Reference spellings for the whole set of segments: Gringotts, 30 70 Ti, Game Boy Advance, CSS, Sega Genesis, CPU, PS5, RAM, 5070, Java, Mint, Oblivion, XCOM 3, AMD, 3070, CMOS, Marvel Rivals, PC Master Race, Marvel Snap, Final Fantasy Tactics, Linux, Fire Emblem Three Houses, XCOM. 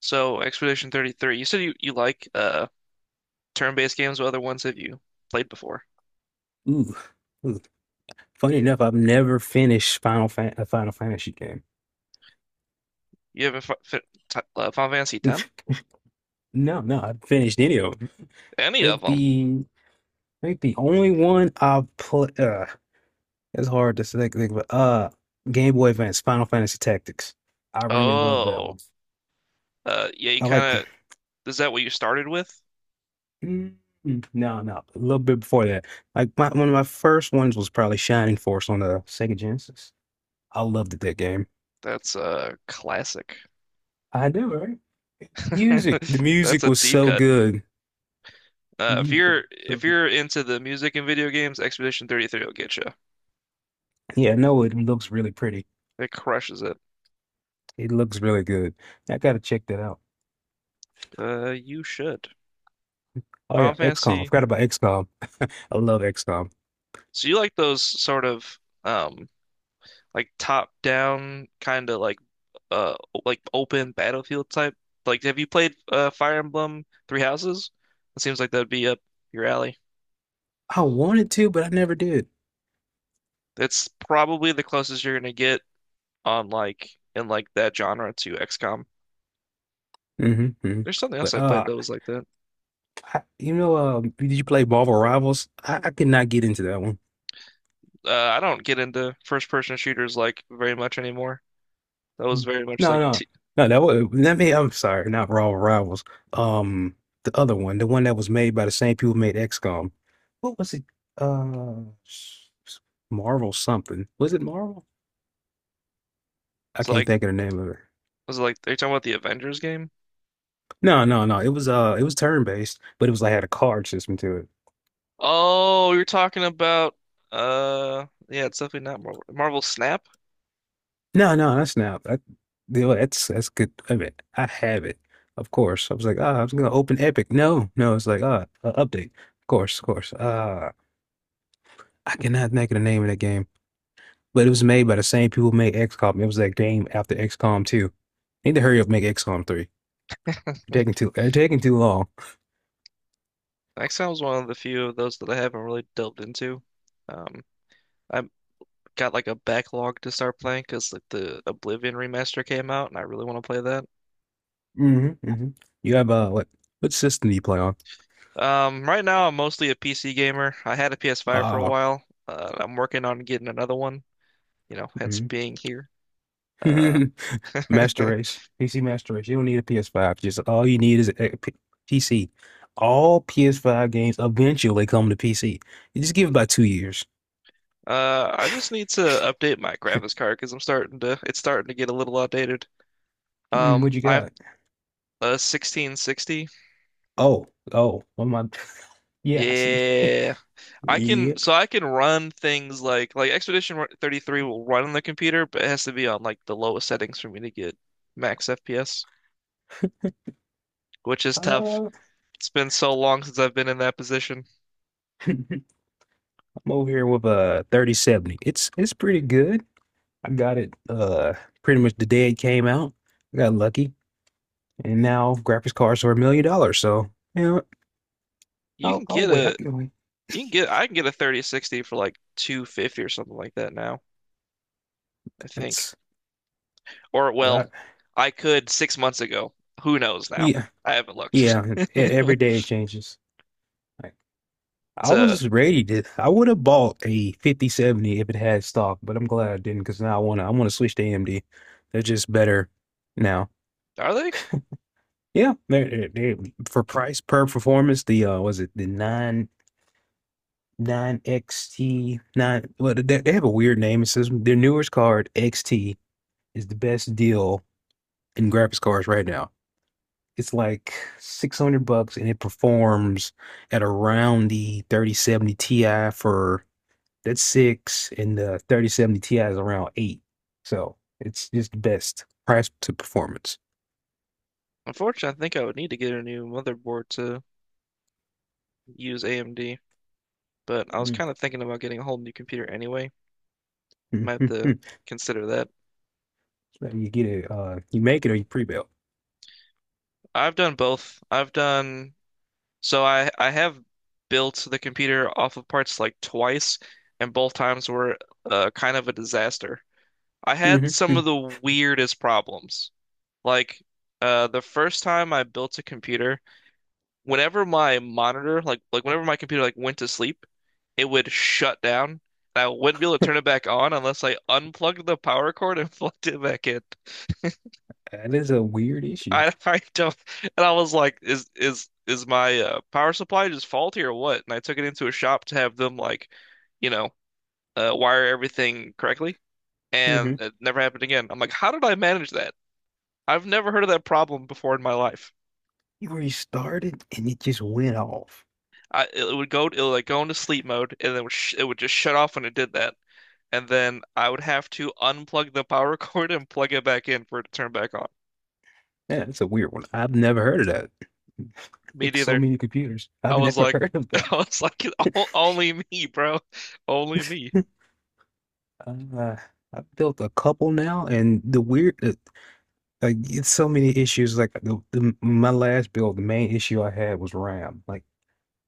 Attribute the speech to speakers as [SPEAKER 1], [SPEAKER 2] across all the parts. [SPEAKER 1] So Expedition 33, you said you like turn-based games. What other ones have you played before?
[SPEAKER 2] Ooh, ooh, funny enough, I've never finished a Final Fantasy game.
[SPEAKER 1] You haven't fi fi t Final Fantasy 10?
[SPEAKER 2] No, no, I've finished any of them. I
[SPEAKER 1] Any of
[SPEAKER 2] think
[SPEAKER 1] them?
[SPEAKER 2] the I think the only one I've put it's hard to think but Game Boy Advance Final Fantasy Tactics. I really love that
[SPEAKER 1] Oh,
[SPEAKER 2] one.
[SPEAKER 1] yeah. You
[SPEAKER 2] I like
[SPEAKER 1] kind of is that what you started with?
[SPEAKER 2] Mm, no, no, a little bit before that. Like one of my first ones was probably Shining Force on the Sega Genesis. I loved that game.
[SPEAKER 1] That's a classic.
[SPEAKER 2] I do, right? The
[SPEAKER 1] That's
[SPEAKER 2] music
[SPEAKER 1] a
[SPEAKER 2] was
[SPEAKER 1] deep
[SPEAKER 2] so
[SPEAKER 1] cut.
[SPEAKER 2] good. The
[SPEAKER 1] If
[SPEAKER 2] music was
[SPEAKER 1] you're
[SPEAKER 2] so
[SPEAKER 1] if
[SPEAKER 2] good.
[SPEAKER 1] you're into the music and video games, Expedition 33 will get you.
[SPEAKER 2] Yeah, no, it looks really pretty.
[SPEAKER 1] It crushes it.
[SPEAKER 2] It looks really good. I gotta check that out.
[SPEAKER 1] You should.
[SPEAKER 2] Oh
[SPEAKER 1] Final
[SPEAKER 2] yeah, XCOM. I
[SPEAKER 1] Fantasy.
[SPEAKER 2] forgot about XCOM. I love XCOM.
[SPEAKER 1] So you like those sort of um like top down kind of uh like open battlefield type? Like, have you played Fire Emblem Three Houses? It seems like that'd be up your alley.
[SPEAKER 2] I wanted to, but I never did.
[SPEAKER 1] That's probably the closest you're gonna get on like that genre to XCOM.
[SPEAKER 2] Hmm.
[SPEAKER 1] There's something else
[SPEAKER 2] But
[SPEAKER 1] I played that was like that.
[SPEAKER 2] did you play Marvel Rivals? I could not get into that one.
[SPEAKER 1] I don't get into first person shooters like very much anymore. That was
[SPEAKER 2] No,
[SPEAKER 1] very much like
[SPEAKER 2] no,
[SPEAKER 1] t
[SPEAKER 2] no. That was that made. I'm sorry, not Raw Rivals. Um, the other one, the one that was made by the same people who made XCOM. What was it? Uh, s- s- Marvel something. Was it Marvel? I
[SPEAKER 1] It's
[SPEAKER 2] can't
[SPEAKER 1] like
[SPEAKER 2] think of the name of it.
[SPEAKER 1] was it like are you talking about the Avengers game?
[SPEAKER 2] No, no, no. It was turn based, but it was like had a card system to it.
[SPEAKER 1] Oh, you're talking about yeah, it's definitely not Marvel Snap.
[SPEAKER 2] No, no, that's not. That's good. I mean, I have it, of course. I was like, ah, I was gonna open Epic. No, no. It's like ah, update. Of course, of course. I cannot think of the name of that game. But it was made by the same people who made XCOM. It was that game after XCOM 2. Need to hurry up and make XCOM 3. You're taking too long.
[SPEAKER 1] Excel is one of the few of those that I haven't really delved into. Um, I've got like a backlog to start playing because like the Oblivion remaster came out, and I really want to play that.
[SPEAKER 2] Mm-hmm, mm-hmm. You have what system do you play on?
[SPEAKER 1] Right now I'm mostly a PC gamer. I had a PS5 for a
[SPEAKER 2] Uh
[SPEAKER 1] while. I'm working on getting another one. You know, hence
[SPEAKER 2] mhm.
[SPEAKER 1] being here. Uh,
[SPEAKER 2] Master
[SPEAKER 1] uh,
[SPEAKER 2] Race. PC Master Race. You don't need a PS5. Just all you need is a PC. All PS5 games eventually come to PC. You just give it about 2 years.
[SPEAKER 1] I just need to update my graphics card because I'm starting to it's starting to get a little outdated.
[SPEAKER 2] Mm, what you
[SPEAKER 1] I have
[SPEAKER 2] got?
[SPEAKER 1] a 1660.
[SPEAKER 2] Oh, oh, what am I? Yeah, I see.
[SPEAKER 1] Yeah. I can
[SPEAKER 2] Yeah.
[SPEAKER 1] so I can run things like Expedition 33 will run on the computer, but it has to be on like the lowest settings for me to get max FPS, which is tough.
[SPEAKER 2] Uh,
[SPEAKER 1] It's been so long since I've been in that position.
[SPEAKER 2] I'm over here with a 3070. It's pretty good. I got it pretty much the day it came out. I got lucky. And now graphics cards are $1 million. So you know,
[SPEAKER 1] You can
[SPEAKER 2] I'll
[SPEAKER 1] get
[SPEAKER 2] wait. I
[SPEAKER 1] a
[SPEAKER 2] can wait.
[SPEAKER 1] you can get I can get a 3060 for like 250 or something like that now, I think.
[SPEAKER 2] That's
[SPEAKER 1] Or well,
[SPEAKER 2] but
[SPEAKER 1] I could 6 months ago. Who knows now?
[SPEAKER 2] Yeah.
[SPEAKER 1] I haven't looked.
[SPEAKER 2] Yeah. Every day it changes. Like
[SPEAKER 1] It's
[SPEAKER 2] I
[SPEAKER 1] a,
[SPEAKER 2] was ready to I would have bought a 5070 if it had stock, but I'm glad I didn't because now I wanna switch to AMD. They're just better now.
[SPEAKER 1] are they?
[SPEAKER 2] Yeah, they for price per performance, the was it the nine XT nine. Well, they have a weird name. It says their newest card XT is the best deal in graphics cards right now. It's like 600 bucks, and it performs at around the 3070 Ti for that's six, and the 3070 Ti is around eight. So it's just the best price to performance.
[SPEAKER 1] Unfortunately, I think I would need to get a new motherboard to use AMD, but I was
[SPEAKER 2] Mm.
[SPEAKER 1] kind of thinking about getting a whole new computer anyway. Might have to consider that.
[SPEAKER 2] So you get it, you make it or you pre-build.
[SPEAKER 1] I've done both. I've done so I have built the computer off of parts like twice, and both times were kind of a disaster. I had some of
[SPEAKER 2] Mhm.
[SPEAKER 1] the weirdest problems. Like the first time I built a computer, whenever my monitor like whenever my computer like went to sleep, it would shut down, and I wouldn't be able to turn it back on unless I unplugged the power cord and plugged it back in.
[SPEAKER 2] That is a weird issue.
[SPEAKER 1] I I don't and I was like, is my power supply just faulty or what? And I took it into a shop to have them like, you know, wire everything correctly,
[SPEAKER 2] Mm-hmm.
[SPEAKER 1] and it never happened again. I'm like, how did I manage that? I've never heard of that problem before in my life.
[SPEAKER 2] You restarted and it just went off.
[SPEAKER 1] I it would go it would like go into sleep mode, and it would just shut off when it did that, and then I would have to unplug the power cord and plug it back in for it to turn back on.
[SPEAKER 2] Yeah, that's a weird one. I've never heard of that.
[SPEAKER 1] Me
[SPEAKER 2] Like so
[SPEAKER 1] neither.
[SPEAKER 2] many computers. I've
[SPEAKER 1] I was
[SPEAKER 2] never
[SPEAKER 1] like,
[SPEAKER 2] heard of that.
[SPEAKER 1] I was like, "O- "only me, bro, only me."
[SPEAKER 2] uh, I've built a couple now, and the like it's so many issues. Like the my last build, the main issue I had was RAM. Like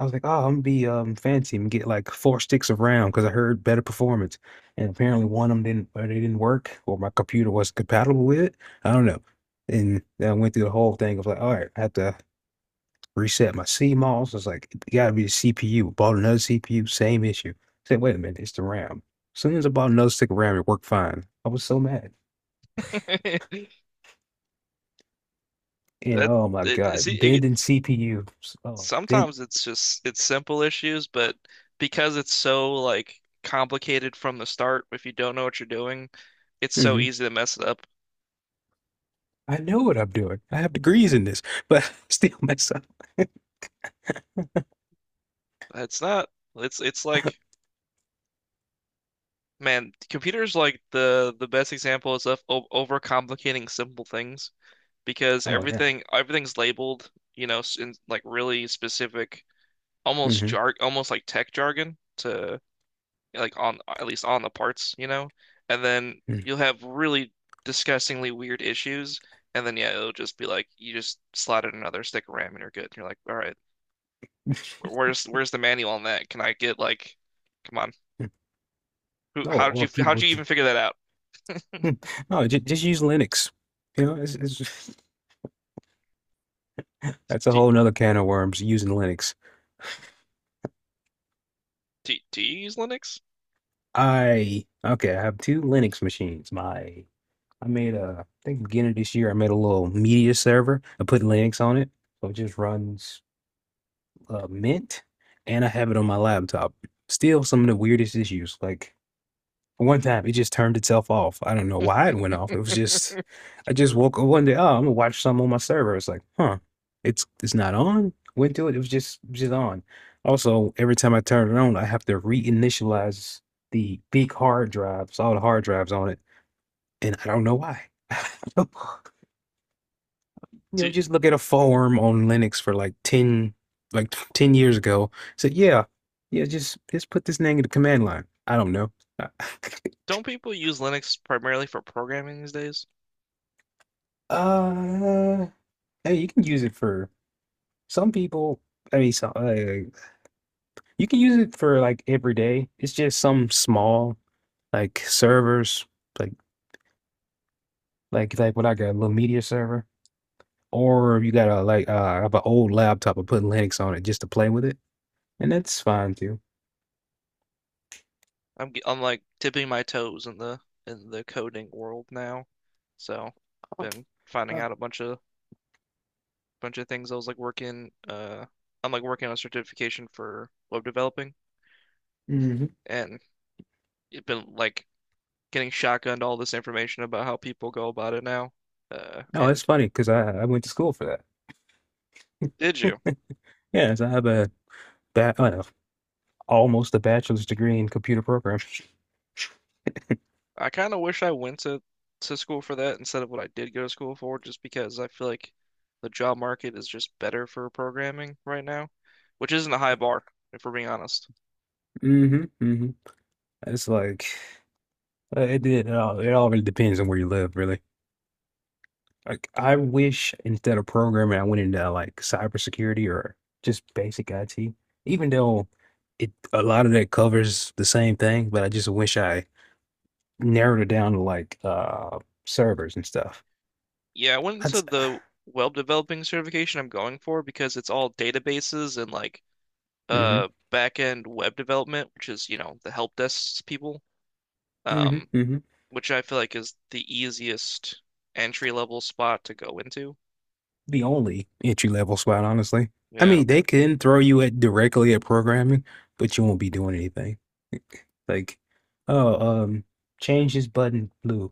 [SPEAKER 2] I was like, oh, I'm gonna be fancy and get like four sticks of RAM because I heard better performance. And apparently one of them didn't, or they didn't work, or my computer wasn't compatible with it. I don't know. And then I went through the whole thing of like, all right, I have to reset my CMOS. It's like, it gotta be the CPU. Bought another CPU, same issue. I said, wait a minute, it's the RAM. As soon as I bought another stick of RAM, it worked fine. I was so mad. And
[SPEAKER 1] That
[SPEAKER 2] oh my
[SPEAKER 1] it, see
[SPEAKER 2] God,
[SPEAKER 1] it,
[SPEAKER 2] bending CPU. Oh, bend.
[SPEAKER 1] Sometimes it's just it's simple issues, but because it's so like complicated from the start, if you don't know what you're doing, it's so
[SPEAKER 2] Hmm.
[SPEAKER 1] easy to mess it up.
[SPEAKER 2] I know what I'm doing. I have degrees in this, but I still mess up.
[SPEAKER 1] It's not it's it's like man, computers like the best example is of overcomplicating simple things, because
[SPEAKER 2] Oh, yeah.
[SPEAKER 1] everything's labeled, you know, in like really specific,
[SPEAKER 2] Hmm.
[SPEAKER 1] almost like tech jargon, to like on at least on the parts, you know? And then you'll have really disgustingly weird issues, and then yeah, it'll just be like you just slide in another stick of RAM and you're good. And you're like, all right, where's the manual on that? Can I get like, come on, who?
[SPEAKER 2] Or, or
[SPEAKER 1] How did
[SPEAKER 2] people,
[SPEAKER 1] you even figure that out?
[SPEAKER 2] hmm, no, just use Linux. You know, just, that's a
[SPEAKER 1] Do
[SPEAKER 2] whole nother can of worms using Linux.
[SPEAKER 1] do you use Linux?
[SPEAKER 2] I Okay, I have two Linux machines. My I made a, I think beginning of this year, I made a little media server. I put Linux on it, so it just runs Mint, and I have it on my laptop. Still, some of the weirdest issues. Like one time, it just turned itself off. I don't know why it went off. It was just, I just woke up one day. Oh, I'm gonna watch some on my server. It's like, huh, it's not on. Went to it. It was just on. Also, every time I turn it on, I have to reinitialize the big hard drives, all the hard drives on it, and I don't know why. You
[SPEAKER 1] Do
[SPEAKER 2] know, just look at a forum on Linux for like like 10 years ago. Said, yeah, yeah, just put this thing in the command line. I don't know.
[SPEAKER 1] Don't people use Linux primarily for programming these days?
[SPEAKER 2] uh, hey, you can use it for some people. I mean, you can use it for like every day. It's just some small like servers, like like what I got a little media server, or you got a like I have an old laptop and put Linux on it just to play with it, and that's fine too.
[SPEAKER 1] I'm like tipping my toes in the coding world now, so
[SPEAKER 2] Oh,
[SPEAKER 1] been finding
[SPEAKER 2] oh,
[SPEAKER 1] out a bunch of things. I'm like working on a certification for web developing,
[SPEAKER 2] mm.
[SPEAKER 1] and it's been like getting shotgunned all this information about how people go about it now. Uh,
[SPEAKER 2] No, it's
[SPEAKER 1] and
[SPEAKER 2] funny because I went to school for that.
[SPEAKER 1] did you?
[SPEAKER 2] Yes, I have a I have almost a bachelor's degree in computer programming.
[SPEAKER 1] I kind of wish I went to school for that instead of what I did go to school for, just because I feel like the job market is just better for programming right now, which isn't a high bar, if we're being honest.
[SPEAKER 2] hmm hmm It's like it all really depends on where you live, really. Like I wish instead of programming, I went into like cybersecurity or just basic IT. Even though it a lot of that covers the same thing, but I just wish I narrowed it down to like servers and stuff.
[SPEAKER 1] Yeah, I went into
[SPEAKER 2] That's
[SPEAKER 1] the web developing certification I'm going for because it's all databases and like
[SPEAKER 2] hmm
[SPEAKER 1] back end web development, which is, you know, the help desk people,
[SPEAKER 2] hmm
[SPEAKER 1] um,
[SPEAKER 2] hmm
[SPEAKER 1] which I feel like is the easiest entry level spot to go into.
[SPEAKER 2] the only entry level spot, honestly. I
[SPEAKER 1] Yeah.
[SPEAKER 2] mean, they can throw you at directly at programming, but you won't be doing anything. Like, oh, um, change this button blue.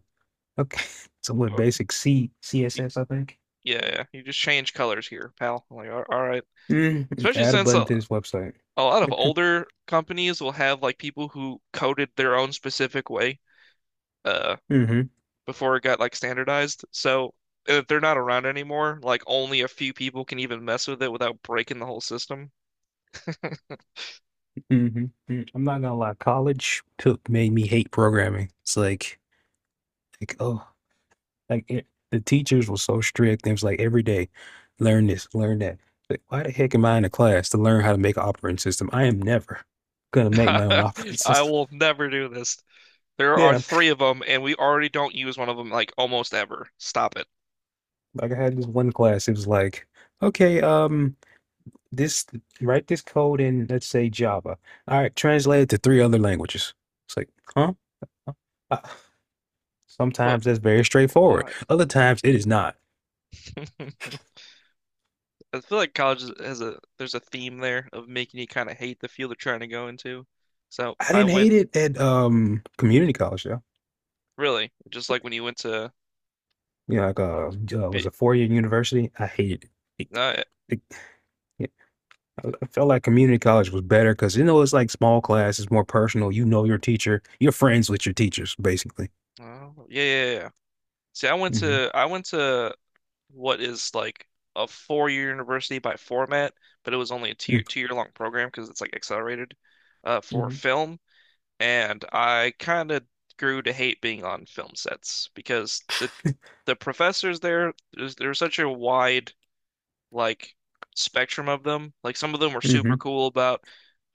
[SPEAKER 2] Okay, so what?
[SPEAKER 1] Okay.
[SPEAKER 2] Basic C
[SPEAKER 1] If you-
[SPEAKER 2] CSS, I think.
[SPEAKER 1] yeah, yeah. You just change colors here, pal. I'm like, all right.
[SPEAKER 2] Mm,
[SPEAKER 1] Especially
[SPEAKER 2] add a
[SPEAKER 1] since
[SPEAKER 2] button to this website.
[SPEAKER 1] a lot of older companies will have like people who coded their own specific way, uh,
[SPEAKER 2] hmm
[SPEAKER 1] before it got like standardized. So if they're not around anymore, like only a few people can even mess with it without breaking the whole system.
[SPEAKER 2] hmm I'm not gonna lie. College took made me hate programming. It's like, like oh, the teachers were so strict. It was like every day, learn this, learn that. Like, why the heck am I in a class to learn how to make an operating system? I am never gonna make my own operating
[SPEAKER 1] I
[SPEAKER 2] system.
[SPEAKER 1] will never do this. There are
[SPEAKER 2] Yeah,
[SPEAKER 1] three of them, and we already don't use one of them like almost ever. Stop it.
[SPEAKER 2] like I had this one class. It was like, okay, this write this code in, let's say Java. All right, translate it to three other languages. It's like, huh? Uh,
[SPEAKER 1] But
[SPEAKER 2] sometimes that's very straightforward.
[SPEAKER 1] why?
[SPEAKER 2] Other times it is not.
[SPEAKER 1] I feel like college has a there's a theme there of making you kind of hate the field you're trying to go into. So
[SPEAKER 2] I
[SPEAKER 1] I
[SPEAKER 2] didn't
[SPEAKER 1] went
[SPEAKER 2] hate it at community college.
[SPEAKER 1] really just like when you went to
[SPEAKER 2] You know, like was
[SPEAKER 1] be
[SPEAKER 2] a 4-year university. I hated it. It-
[SPEAKER 1] uh,
[SPEAKER 2] it- I felt like community college was better because you know it's like small class, it's more personal. You know your teacher, you're friends with your teachers, basically.
[SPEAKER 1] oh, yeah, yeah. See,
[SPEAKER 2] hmm
[SPEAKER 1] I went to what is like a four-year university by format, but it was only a two-year long program because it's like accelerated for
[SPEAKER 2] Mm-hmm.
[SPEAKER 1] film. And I kind of grew to hate being on film sets because the professors there, there's such a wide like spectrum of them. Like some of them were
[SPEAKER 2] Mm-hmm.
[SPEAKER 1] super cool about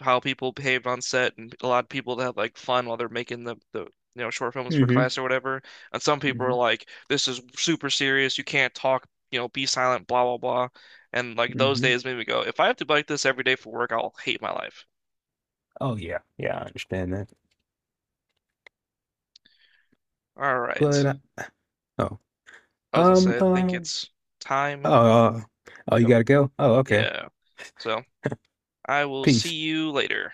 [SPEAKER 1] how people behaved on set, and a lot of people that had like fun while they're making the you know short films for
[SPEAKER 2] Mm-hmm.
[SPEAKER 1] class or whatever. And some people were
[SPEAKER 2] hmm
[SPEAKER 1] like, "This is super serious. You can't talk. You know, be silent. Blah blah blah." And like those
[SPEAKER 2] hmm
[SPEAKER 1] days made me go, "If I have to be like this every day for work, I'll hate my life."
[SPEAKER 2] Oh yeah, yeah, I understand that.
[SPEAKER 1] All right.
[SPEAKER 2] But oh,
[SPEAKER 1] I was gonna
[SPEAKER 2] um,
[SPEAKER 1] say, I think
[SPEAKER 2] um,
[SPEAKER 1] it's
[SPEAKER 2] oh,
[SPEAKER 1] time
[SPEAKER 2] oh,
[SPEAKER 1] to
[SPEAKER 2] you
[SPEAKER 1] go.
[SPEAKER 2] gotta go. Oh, okay.
[SPEAKER 1] Yeah. So I will see
[SPEAKER 2] Peace.
[SPEAKER 1] you later.